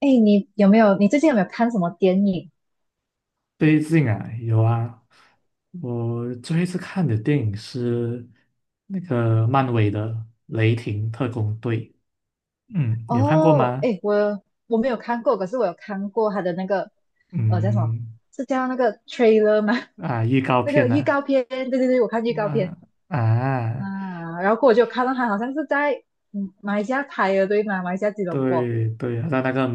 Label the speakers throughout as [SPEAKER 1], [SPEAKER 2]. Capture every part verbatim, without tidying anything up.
[SPEAKER 1] 哎，你有没有？你最近有没有看什么电影？
[SPEAKER 2] 最近啊，有啊，我最后一次看的电影是那个漫威的《雷霆特工队》，嗯，你有看过
[SPEAKER 1] 哦，
[SPEAKER 2] 吗？
[SPEAKER 1] 哎，我我没有看过，可是我有看过他的那个，呃，叫什么？
[SPEAKER 2] 嗯，
[SPEAKER 1] 是叫那个 trailer 吗？
[SPEAKER 2] 啊，预告
[SPEAKER 1] 那个
[SPEAKER 2] 片
[SPEAKER 1] 预
[SPEAKER 2] 啊，
[SPEAKER 1] 告片？对对对，我看预告片
[SPEAKER 2] 那啊，
[SPEAKER 1] 啊。然后我就看到他好像是在嗯马来西亚拍的，对吗？马来西亚吉隆坡。
[SPEAKER 2] 对对，在那个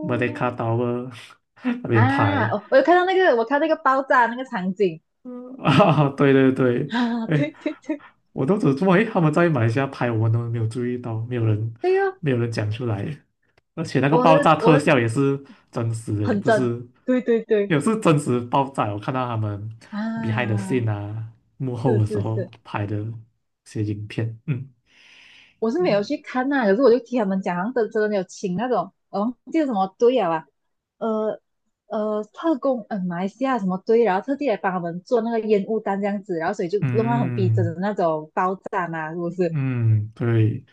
[SPEAKER 2] Merdeka Tower 那边
[SPEAKER 1] 啊，
[SPEAKER 2] 拍
[SPEAKER 1] 我我有看到那个，我看那个爆炸那个场景。
[SPEAKER 2] 啊，对对 对。
[SPEAKER 1] 啊，
[SPEAKER 2] 哎，
[SPEAKER 1] 对对对。
[SPEAKER 2] 我都只注意他们在马来西亚拍，我们都没有注意到，没有人
[SPEAKER 1] 对哦，
[SPEAKER 2] 没有人讲出来，而且那个
[SPEAKER 1] 我
[SPEAKER 2] 爆炸
[SPEAKER 1] 的
[SPEAKER 2] 特
[SPEAKER 1] 我的
[SPEAKER 2] 效也是真实的，
[SPEAKER 1] 很
[SPEAKER 2] 不
[SPEAKER 1] 真，
[SPEAKER 2] 是，
[SPEAKER 1] 对对对
[SPEAKER 2] 也是真实爆炸。我看到他们 behind the
[SPEAKER 1] 啊，
[SPEAKER 2] scene 啊，幕后
[SPEAKER 1] 是
[SPEAKER 2] 的时
[SPEAKER 1] 是
[SPEAKER 2] 候
[SPEAKER 1] 是。
[SPEAKER 2] 拍的一些影片。嗯
[SPEAKER 1] 我是没
[SPEAKER 2] 嗯，
[SPEAKER 1] 有去看呐、可是我就听他们讲，好像真真的有请那种，呃，忘记了什么队啊吧，呃呃，特工，呃，马来西亚什么队，然后特地来帮他们做那个烟雾弹这样子，然后所以就弄到很逼真的
[SPEAKER 2] 嗯
[SPEAKER 1] 那种爆炸嘛，是不是？
[SPEAKER 2] 嗯，对，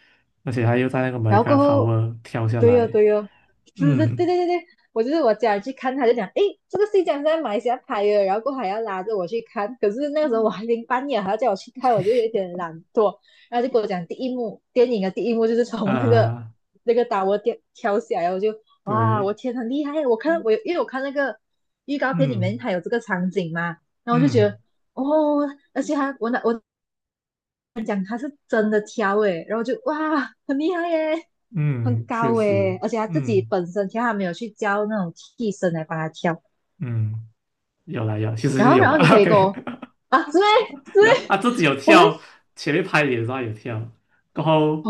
[SPEAKER 2] 而且他又在那个
[SPEAKER 1] 然后过
[SPEAKER 2] Mega
[SPEAKER 1] 后，
[SPEAKER 2] Tower 跳下
[SPEAKER 1] 对哦
[SPEAKER 2] 来。
[SPEAKER 1] 对哦，是是，对对
[SPEAKER 2] 嗯
[SPEAKER 1] 对对，我就是我家人去看，他就讲，诶，这个戏讲是在马来西亚拍的，然后过后还要拉着我去看，可是那个时候我
[SPEAKER 2] 嗯
[SPEAKER 1] 还零半夜，还要叫我去看，我就有点懒惰，然后就跟我讲第一幕，电影的第一幕就是从那个
[SPEAKER 2] 啊，
[SPEAKER 1] 那个打窝掉跳下来，我就哇，
[SPEAKER 2] 对。
[SPEAKER 1] 我天，很厉害！我看我因为我看那个预告片里
[SPEAKER 2] 嗯
[SPEAKER 1] 面它有这个场景嘛，然后我就觉
[SPEAKER 2] 嗯
[SPEAKER 1] 得哦，而且还我那我真的挑诶，然后就哇，很厉害耶，很
[SPEAKER 2] 嗯，确
[SPEAKER 1] 高诶，
[SPEAKER 2] 实。
[SPEAKER 1] 而且他自己
[SPEAKER 2] 嗯
[SPEAKER 1] 本身挑，他没有去教那种替身来帮他挑。
[SPEAKER 2] 嗯，有了有，其实
[SPEAKER 1] 然
[SPEAKER 2] 是
[SPEAKER 1] 后，
[SPEAKER 2] 有
[SPEAKER 1] 然
[SPEAKER 2] 了
[SPEAKER 1] 后你可 以给
[SPEAKER 2] ，OK。
[SPEAKER 1] 我啊，是咩？
[SPEAKER 2] 有
[SPEAKER 1] 是
[SPEAKER 2] 啊，
[SPEAKER 1] 咩？
[SPEAKER 2] 他自己有
[SPEAKER 1] 我还
[SPEAKER 2] 跳，前面拍脸的时候他有跳，然后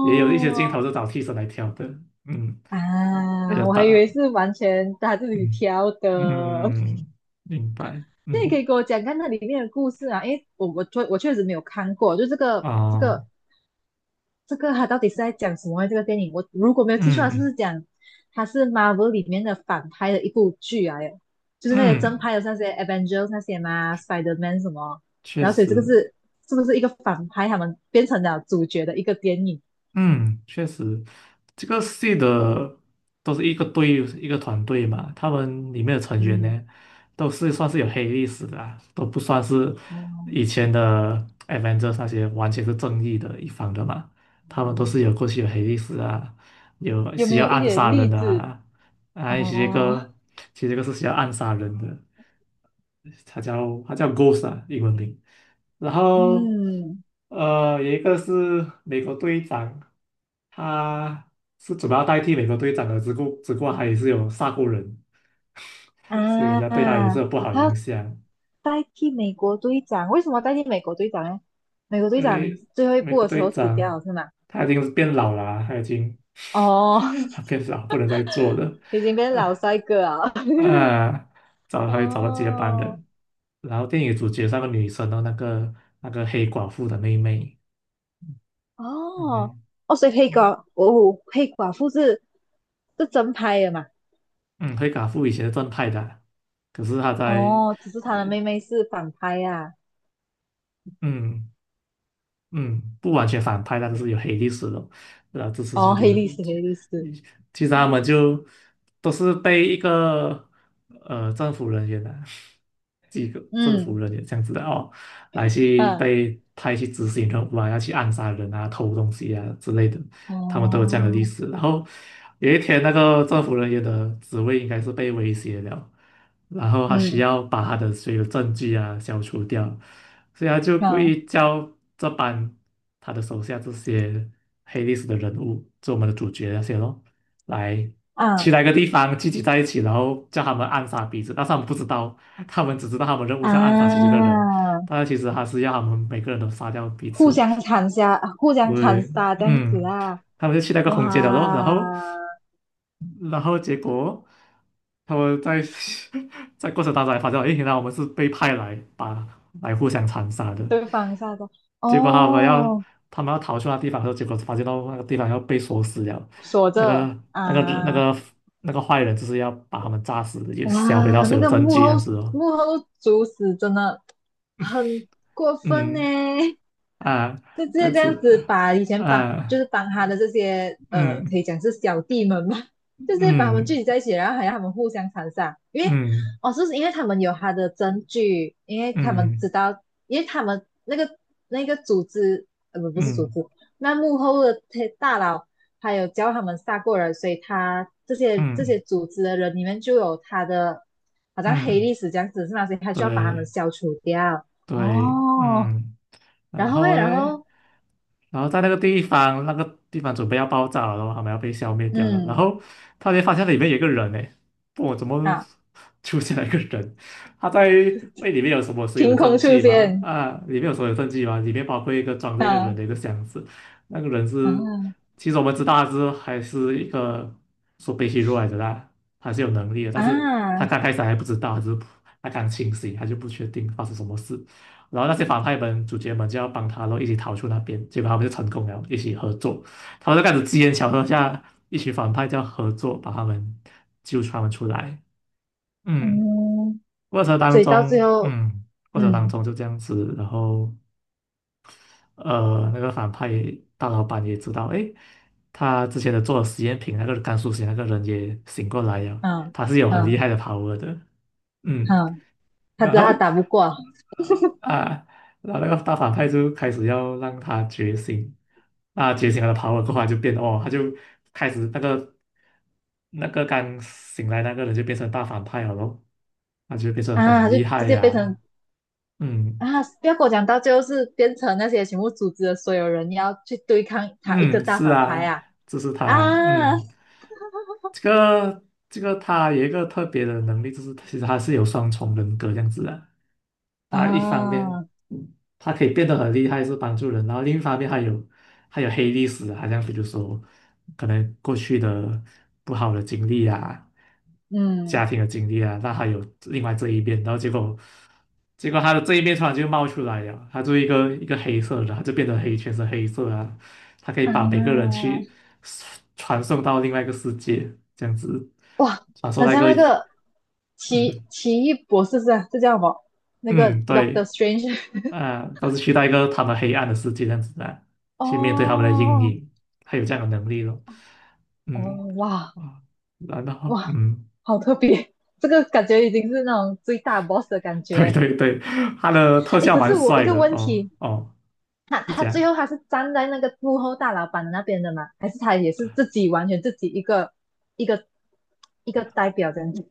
[SPEAKER 2] 也有一些镜头是找替身来跳的。嗯，比较
[SPEAKER 1] 啊，我还以为
[SPEAKER 2] 大。
[SPEAKER 1] 是完全他自己
[SPEAKER 2] 嗯
[SPEAKER 1] 挑的。
[SPEAKER 2] 嗯，明白。
[SPEAKER 1] 那你可
[SPEAKER 2] 嗯，
[SPEAKER 1] 以给我讲看那里面的故事啊，因为我我确我确实没有看过，就这个这
[SPEAKER 2] 哦。
[SPEAKER 1] 个这个它到底是在讲什么啊？这个电影我如果没有记错，它是不
[SPEAKER 2] 嗯
[SPEAKER 1] 是讲它是 Marvel 里面的反派的一部剧啊？耶，就是那些正
[SPEAKER 2] 嗯，
[SPEAKER 1] 派的那些 Avengers 那些嘛，Spider-Man 什么，
[SPEAKER 2] 确
[SPEAKER 1] 然后所以这个
[SPEAKER 2] 实。
[SPEAKER 1] 是是不是一个反派他们变成了主角的一个电影？
[SPEAKER 2] 嗯，确实，这个系的都是一个队一个团队嘛，他们里面的成员
[SPEAKER 1] 嗯，
[SPEAKER 2] 呢，都是算是有黑历史的啊，都不算是以
[SPEAKER 1] 哦、
[SPEAKER 2] 前的 Avengers 那些完全是正义的一方的嘛，他们都是有过去有黑历史啊，有
[SPEAKER 1] 有
[SPEAKER 2] 需
[SPEAKER 1] 没
[SPEAKER 2] 要
[SPEAKER 1] 有一
[SPEAKER 2] 暗
[SPEAKER 1] 点
[SPEAKER 2] 杀人
[SPEAKER 1] 例
[SPEAKER 2] 的
[SPEAKER 1] 子？
[SPEAKER 2] 啊。啊，其实这
[SPEAKER 1] 哦，
[SPEAKER 2] 个其实这个是需要暗杀人的，他叫他叫 Ghost 啊，英文名。然后
[SPEAKER 1] 嗯，
[SPEAKER 2] 呃，有一个是美国队长。他是主要代替美国队长的，只顾只不过他也是有杀过人，所以人
[SPEAKER 1] 啊，
[SPEAKER 2] 家对他也是有不好
[SPEAKER 1] 他
[SPEAKER 2] 印象。
[SPEAKER 1] 代替美国队长，为什么代替美国队长呢？美国队
[SPEAKER 2] 因
[SPEAKER 1] 长
[SPEAKER 2] 为
[SPEAKER 1] 最后一
[SPEAKER 2] 美
[SPEAKER 1] 部
[SPEAKER 2] 国
[SPEAKER 1] 的时
[SPEAKER 2] 队
[SPEAKER 1] 候死掉
[SPEAKER 2] 长
[SPEAKER 1] 了是吗？
[SPEAKER 2] 他已经是变老了啊他已经
[SPEAKER 1] 哦，
[SPEAKER 2] 他变老不能再做了。
[SPEAKER 1] 已经变老
[SPEAKER 2] 啊
[SPEAKER 1] 帅哥啊！
[SPEAKER 2] 啊，找他会找到接班
[SPEAKER 1] 哦
[SPEAKER 2] 人。然后电影主角是那个女生的那个那个黑寡妇的妹妹。嗯
[SPEAKER 1] 哦
[SPEAKER 2] 哼，
[SPEAKER 1] 哦，所以黑寡哦，黑寡妇是是真拍的嘛？
[SPEAKER 2] 嗯，黑寡妇以前是正派的啊可是她在。
[SPEAKER 1] 哦，只是他的妹妹是反拍啊。
[SPEAKER 2] 嗯。嗯，不完全反派，但是有黑历史的，然后这次就
[SPEAKER 1] 哦，
[SPEAKER 2] 有。
[SPEAKER 1] 黑历史，黑历史。
[SPEAKER 2] 其实他们
[SPEAKER 1] 哦，
[SPEAKER 2] 就都是被一个呃政府人员啊，几个政府
[SPEAKER 1] 嗯，
[SPEAKER 2] 人员这样子的哦，来去
[SPEAKER 1] 嗯，
[SPEAKER 2] 被派去执行任务啊，要去暗杀人啊、偷东西啊之类的，他们都有这样的历
[SPEAKER 1] 哦，
[SPEAKER 2] 史。然后有一天，那个政府人员的职位应该是被威胁了，然后他需
[SPEAKER 1] 嗯，
[SPEAKER 2] 要把他的所有证据啊消除掉，所以他就故
[SPEAKER 1] 嗯，
[SPEAKER 2] 意叫这班他的手下这些黑历史的人物，就我们的主角那些咯，来去
[SPEAKER 1] 啊
[SPEAKER 2] 那个地方聚集在一起，然后叫他们暗杀彼此，但是他们不知道，他们只知道他们任务是要暗杀其中一
[SPEAKER 1] 啊！
[SPEAKER 2] 个人，但是其实他是要他们每个人都杀掉彼
[SPEAKER 1] 互
[SPEAKER 2] 此。
[SPEAKER 1] 相残杀，互相残
[SPEAKER 2] 对，
[SPEAKER 1] 杀这样子
[SPEAKER 2] 嗯，
[SPEAKER 1] 啊！
[SPEAKER 2] 他们就去那个空间了咯，然后。
[SPEAKER 1] 哇，
[SPEAKER 2] 然后结果他们在 在过程当中还发现，诶，原来我们是被派来把来互相残杀的。
[SPEAKER 1] 对方杀的
[SPEAKER 2] 结果他们要
[SPEAKER 1] 哦，
[SPEAKER 2] 他们要逃去那地方的时候，结果发现到那个地方要被锁死了，
[SPEAKER 1] 锁
[SPEAKER 2] 那个
[SPEAKER 1] 着
[SPEAKER 2] 那个那
[SPEAKER 1] 啊。
[SPEAKER 2] 个那个坏人就是要把他们炸死，也销毁到
[SPEAKER 1] 哇，
[SPEAKER 2] 所
[SPEAKER 1] 那
[SPEAKER 2] 有
[SPEAKER 1] 个
[SPEAKER 2] 证
[SPEAKER 1] 幕
[SPEAKER 2] 据这
[SPEAKER 1] 后
[SPEAKER 2] 样子哦。
[SPEAKER 1] 幕后主使真的很过分呢。
[SPEAKER 2] 嗯，啊，
[SPEAKER 1] 就直
[SPEAKER 2] 这
[SPEAKER 1] 接
[SPEAKER 2] 样
[SPEAKER 1] 这样
[SPEAKER 2] 子
[SPEAKER 1] 子把以前帮就
[SPEAKER 2] 啊。
[SPEAKER 1] 是帮他的这些呃，可
[SPEAKER 2] 嗯
[SPEAKER 1] 以讲是小弟们嘛，就直接把他们
[SPEAKER 2] 嗯
[SPEAKER 1] 聚集在一起，然后还让他们互相残杀，因为
[SPEAKER 2] 嗯
[SPEAKER 1] 哦，就是因为他们有他的证据，因为他们知
[SPEAKER 2] 嗯
[SPEAKER 1] 道，因为他们那个那个组织呃不不是组
[SPEAKER 2] 嗯
[SPEAKER 1] 织，那幕后的大佬还有教他们杀过人，所以他这些这些
[SPEAKER 2] 嗯
[SPEAKER 1] 组织的人里面就有他的好像黑
[SPEAKER 2] 嗯，
[SPEAKER 1] 历史这样子是吗？所以他就要把他们
[SPEAKER 2] 对
[SPEAKER 1] 消除掉。
[SPEAKER 2] 对。
[SPEAKER 1] 哦，
[SPEAKER 2] 嗯，然
[SPEAKER 1] 然后诶，
[SPEAKER 2] 后
[SPEAKER 1] 然
[SPEAKER 2] 嘞。
[SPEAKER 1] 后。
[SPEAKER 2] 然后在那个地方，那个地方准备要爆炸了，然后他们要被消灭掉了。然后
[SPEAKER 1] 嗯，
[SPEAKER 2] 突然间发现里面有一个人呢，不，我怎么
[SPEAKER 1] 啊，
[SPEAKER 2] 出现了一个人？他在为里面有什么所有的
[SPEAKER 1] 凭空
[SPEAKER 2] 证
[SPEAKER 1] 出
[SPEAKER 2] 据吗？
[SPEAKER 1] 现，
[SPEAKER 2] 啊，里面有所有证据吗？里面包括一个装着一个人
[SPEAKER 1] 啊
[SPEAKER 2] 的一个箱子，那个人
[SPEAKER 1] 啊
[SPEAKER 2] 是，其实我们知道他是还是一个说被吸入来的啦，他是有能力的，但是他
[SPEAKER 1] 啊，
[SPEAKER 2] 刚开始还不知道，他只是他刚清醒，他就不确定发生什么事。然后那些反派们、主角们就要帮他咯，然后一起逃出那边。结果他们就成功了，一起合作。他们就开始机缘巧合下，一群反派就要合作，把他们救出他们出来。嗯，
[SPEAKER 1] 嗯，
[SPEAKER 2] 过程当
[SPEAKER 1] 所以到最
[SPEAKER 2] 中，
[SPEAKER 1] 后，
[SPEAKER 2] 嗯，过程当
[SPEAKER 1] 嗯，
[SPEAKER 2] 中就这样子。然后呃，那个反派大老板也知道，诶，他之前的做的实验品那个甘肃实验那个人也醒过来了，
[SPEAKER 1] 啊，
[SPEAKER 2] 他是有很
[SPEAKER 1] 啊，
[SPEAKER 2] 厉害的 power 的。嗯，
[SPEAKER 1] 啊，他知
[SPEAKER 2] 然
[SPEAKER 1] 道他
[SPEAKER 2] 后。
[SPEAKER 1] 打不过啊，
[SPEAKER 2] 啊，然后那个大反派就开始要让他觉醒，那觉醒了的 power 的话就变哦，他就开始那个那个刚醒来那个人就变成大反派了咯，那就变成很
[SPEAKER 1] 他就
[SPEAKER 2] 厉
[SPEAKER 1] 直
[SPEAKER 2] 害
[SPEAKER 1] 接变成
[SPEAKER 2] 呀。嗯
[SPEAKER 1] 啊，不要跟我讲，到最后是变成那些全部组织的所有人要去对抗他一个
[SPEAKER 2] 嗯，
[SPEAKER 1] 大
[SPEAKER 2] 是
[SPEAKER 1] 反派
[SPEAKER 2] 啊，
[SPEAKER 1] 啊。
[SPEAKER 2] 这是他，
[SPEAKER 1] 啊
[SPEAKER 2] 嗯，这个这个他有一个特别的能力，就是其实他是有双重人格这样子的，他一方
[SPEAKER 1] 啊，
[SPEAKER 2] 面他可以变得很厉害，是帮助人，然后另一方面还有还有黑历史啊，好像比如说可能过去的不好的经历啊，
[SPEAKER 1] 嗯，
[SPEAKER 2] 家庭的经历啊，那还有另外这一面，然后结果结果他的这一面突然就冒出来了，他就一个一个黑色的，他就变得黑，全是黑色啊，他可以
[SPEAKER 1] 啊，
[SPEAKER 2] 把每个人去传送到另外一个世界，这样子
[SPEAKER 1] 哇，
[SPEAKER 2] 传送
[SPEAKER 1] 很
[SPEAKER 2] 到一
[SPEAKER 1] 像
[SPEAKER 2] 个。
[SPEAKER 1] 那个奇
[SPEAKER 2] 嗯
[SPEAKER 1] 奇异博士是吧？这叫什么？那个
[SPEAKER 2] 嗯，
[SPEAKER 1] Doctor
[SPEAKER 2] 对。
[SPEAKER 1] Strange。
[SPEAKER 2] 啊，都是去到一个他们黑暗的世界这样子啊，去面对他们的阴
[SPEAKER 1] 哦
[SPEAKER 2] 影，他有这样的能力咯。
[SPEAKER 1] 哦，
[SPEAKER 2] 嗯，
[SPEAKER 1] 哇，
[SPEAKER 2] 啊，然后
[SPEAKER 1] 哇，
[SPEAKER 2] 嗯，
[SPEAKER 1] 好特别！这个感觉已经是那种最大 boss 的感
[SPEAKER 2] 对
[SPEAKER 1] 觉。
[SPEAKER 2] 对对，他的特
[SPEAKER 1] 诶，
[SPEAKER 2] 效
[SPEAKER 1] 可
[SPEAKER 2] 蛮
[SPEAKER 1] 是我一
[SPEAKER 2] 帅
[SPEAKER 1] 个
[SPEAKER 2] 的
[SPEAKER 1] 问
[SPEAKER 2] 哦
[SPEAKER 1] 题，
[SPEAKER 2] 哦。
[SPEAKER 1] 那
[SPEAKER 2] 你
[SPEAKER 1] 他
[SPEAKER 2] 讲。
[SPEAKER 1] 最后他是站在那个幕后大老板那边的吗？还是他也是自己完全自己一个一个一个代表这样子？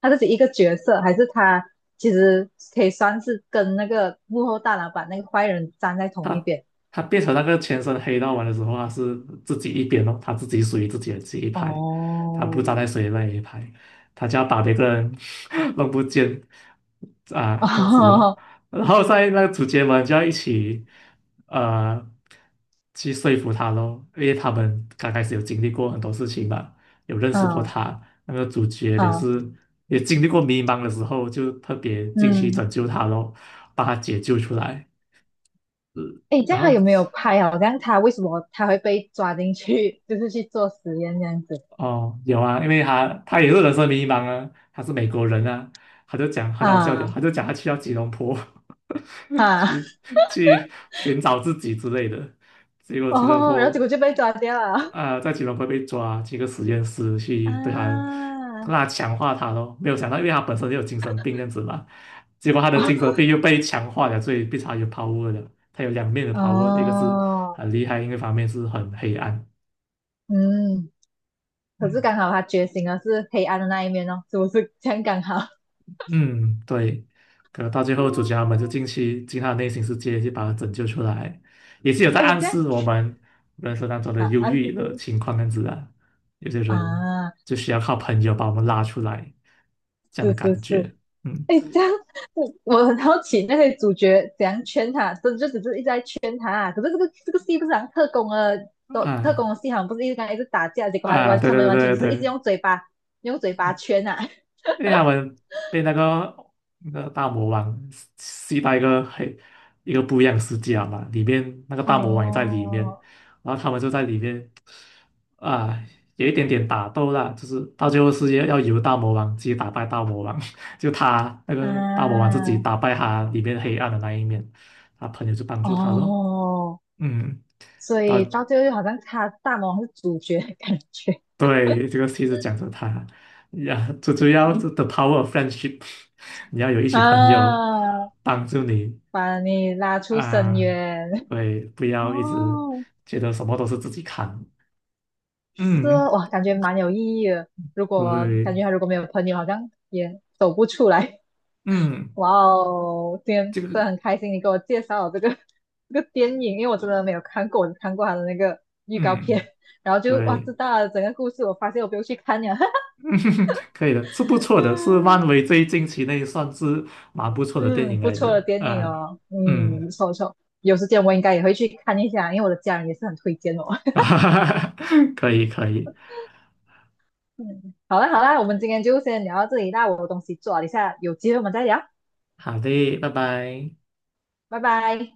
[SPEAKER 1] 他自己一个角色，还是他其实可以算是跟那个幕后大老板那个坏人站在同一边？
[SPEAKER 2] 他变成那个全身黑道玩的时候，他是自己一边哦，他自己属于自己的这一派，他不
[SPEAKER 1] 哦，
[SPEAKER 2] 站在谁那一派，他就要把别个人 弄不见 啊，这样子咯。
[SPEAKER 1] 哦，
[SPEAKER 2] 然后在那个主角们就要一起呃去说服他咯，因为他们刚开始有经历过很多事情嘛，有认识过
[SPEAKER 1] 嗯
[SPEAKER 2] 他，那个主角也
[SPEAKER 1] 嗯
[SPEAKER 2] 是也经历过迷茫的时候，就特别进去
[SPEAKER 1] 嗯。
[SPEAKER 2] 拯救他咯，把他解救出来。
[SPEAKER 1] 哎，这样
[SPEAKER 2] 然
[SPEAKER 1] 他
[SPEAKER 2] 后
[SPEAKER 1] 有没有拍啊？我这样他为什么他会被抓进去，就是去做实验这样子。
[SPEAKER 2] 哦，有啊，因为他他也是人生迷茫啊，他是美国人啊，他就讲很好笑的，
[SPEAKER 1] 啊
[SPEAKER 2] 他就讲他去到吉隆坡
[SPEAKER 1] 啊
[SPEAKER 2] 去 去寻找自己之类的，结果吉隆
[SPEAKER 1] 哦，然后结
[SPEAKER 2] 坡
[SPEAKER 1] 果就被抓掉了。
[SPEAKER 2] 啊、在吉隆坡被抓，去一个实验室去对他让
[SPEAKER 1] 啊
[SPEAKER 2] 他强化他咯，没有想到，因为他本身就有精神病这样子嘛，结果他的精神病 又被强化了，所以变成他有 power 了，他有两面的 power,一个是
[SPEAKER 1] 哦
[SPEAKER 2] 很厉害，另一个方面是很黑暗。
[SPEAKER 1] 嗯，可是刚
[SPEAKER 2] 嗯。
[SPEAKER 1] 好他觉醒了是黑暗的那一面哦，是不是这样刚好？
[SPEAKER 2] 嗯，对，可能到最后主角他们就
[SPEAKER 1] 嗯，
[SPEAKER 2] 进去进他的内心世界，去把他拯救出来，也是有在
[SPEAKER 1] 哎，
[SPEAKER 2] 暗
[SPEAKER 1] 这样
[SPEAKER 2] 示我们人生当中的
[SPEAKER 1] 啊
[SPEAKER 2] 忧
[SPEAKER 1] 啊是。
[SPEAKER 2] 郁的 情况这样子啊。有些人
[SPEAKER 1] 啊，
[SPEAKER 2] 就需要靠朋友把我们拉出来，这样
[SPEAKER 1] 是
[SPEAKER 2] 的
[SPEAKER 1] 是
[SPEAKER 2] 感
[SPEAKER 1] 是。
[SPEAKER 2] 觉。嗯，
[SPEAKER 1] 哎，这样我我很好奇那些主角怎样圈他，真就只是一直在圈他啊、可是这个这个戏不是好像特工的，都特工
[SPEAKER 2] 啊
[SPEAKER 1] 的戏好像不是一直跟他一直打架，结果还
[SPEAKER 2] 啊，
[SPEAKER 1] 完
[SPEAKER 2] 对
[SPEAKER 1] 他们
[SPEAKER 2] 对
[SPEAKER 1] 完全
[SPEAKER 2] 对对
[SPEAKER 1] 就是一直
[SPEAKER 2] 对，
[SPEAKER 1] 用嘴巴用嘴巴圈啊。
[SPEAKER 2] 因为他们被那个那个大魔王吸到一个黑一个不一样的世界了嘛，里面那个 大魔王也在里面，
[SPEAKER 1] 哦，
[SPEAKER 2] 然后他们就在里面。啊，有一点点打斗啦，就是到最后是要要由大魔王自己打败大魔王，就他那个大魔王
[SPEAKER 1] 啊，
[SPEAKER 2] 自己打败他里面黑暗的那一面，他朋友就帮助他咯。
[SPEAKER 1] 哦，
[SPEAKER 2] 嗯，
[SPEAKER 1] 所
[SPEAKER 2] 到
[SPEAKER 1] 以到最后就好像他大魔王是主角的感觉。
[SPEAKER 2] 对这个戏是讲着他呀，最主要是 the power f friendship,你要有一 群朋友
[SPEAKER 1] 啊，
[SPEAKER 2] 帮助你
[SPEAKER 1] 把你拉出深
[SPEAKER 2] 啊。
[SPEAKER 1] 渊。
[SPEAKER 2] 对，不 要一直
[SPEAKER 1] 哦，
[SPEAKER 2] 觉得什么都是自己扛。
[SPEAKER 1] 是
[SPEAKER 2] 嗯
[SPEAKER 1] 哦哇，感觉蛮有意义的。如果感
[SPEAKER 2] 对。
[SPEAKER 1] 觉他如果没有朋友，好像也走不出来。
[SPEAKER 2] 嗯，
[SPEAKER 1] 哇哦，今天
[SPEAKER 2] 这
[SPEAKER 1] 真
[SPEAKER 2] 个
[SPEAKER 1] 的很开心，你给我介绍了这个 这个电影，因为我真的没有看过，我只看过他的那个预告片，
[SPEAKER 2] 嗯
[SPEAKER 1] 然后就哇
[SPEAKER 2] 对。
[SPEAKER 1] 知道了整个故事，我发现我不用去看了。
[SPEAKER 2] 嗯，可以的，是不错的，是
[SPEAKER 1] 嗯
[SPEAKER 2] 漫威最近期内算是蛮不错的电
[SPEAKER 1] 嗯，
[SPEAKER 2] 影
[SPEAKER 1] 不
[SPEAKER 2] 来
[SPEAKER 1] 错
[SPEAKER 2] 的。
[SPEAKER 1] 的电影
[SPEAKER 2] 啊、
[SPEAKER 1] 哦，嗯，
[SPEAKER 2] 嗯，
[SPEAKER 1] 不错不错，有时间我应该也会去看一下，因为我的家人也是很推荐哦。
[SPEAKER 2] 可以可以。
[SPEAKER 1] 嗯，好啦好啦，我们今天就先聊到这里那我有东西做了一下，有机会我们再聊，
[SPEAKER 2] 好的，拜拜。
[SPEAKER 1] 拜拜。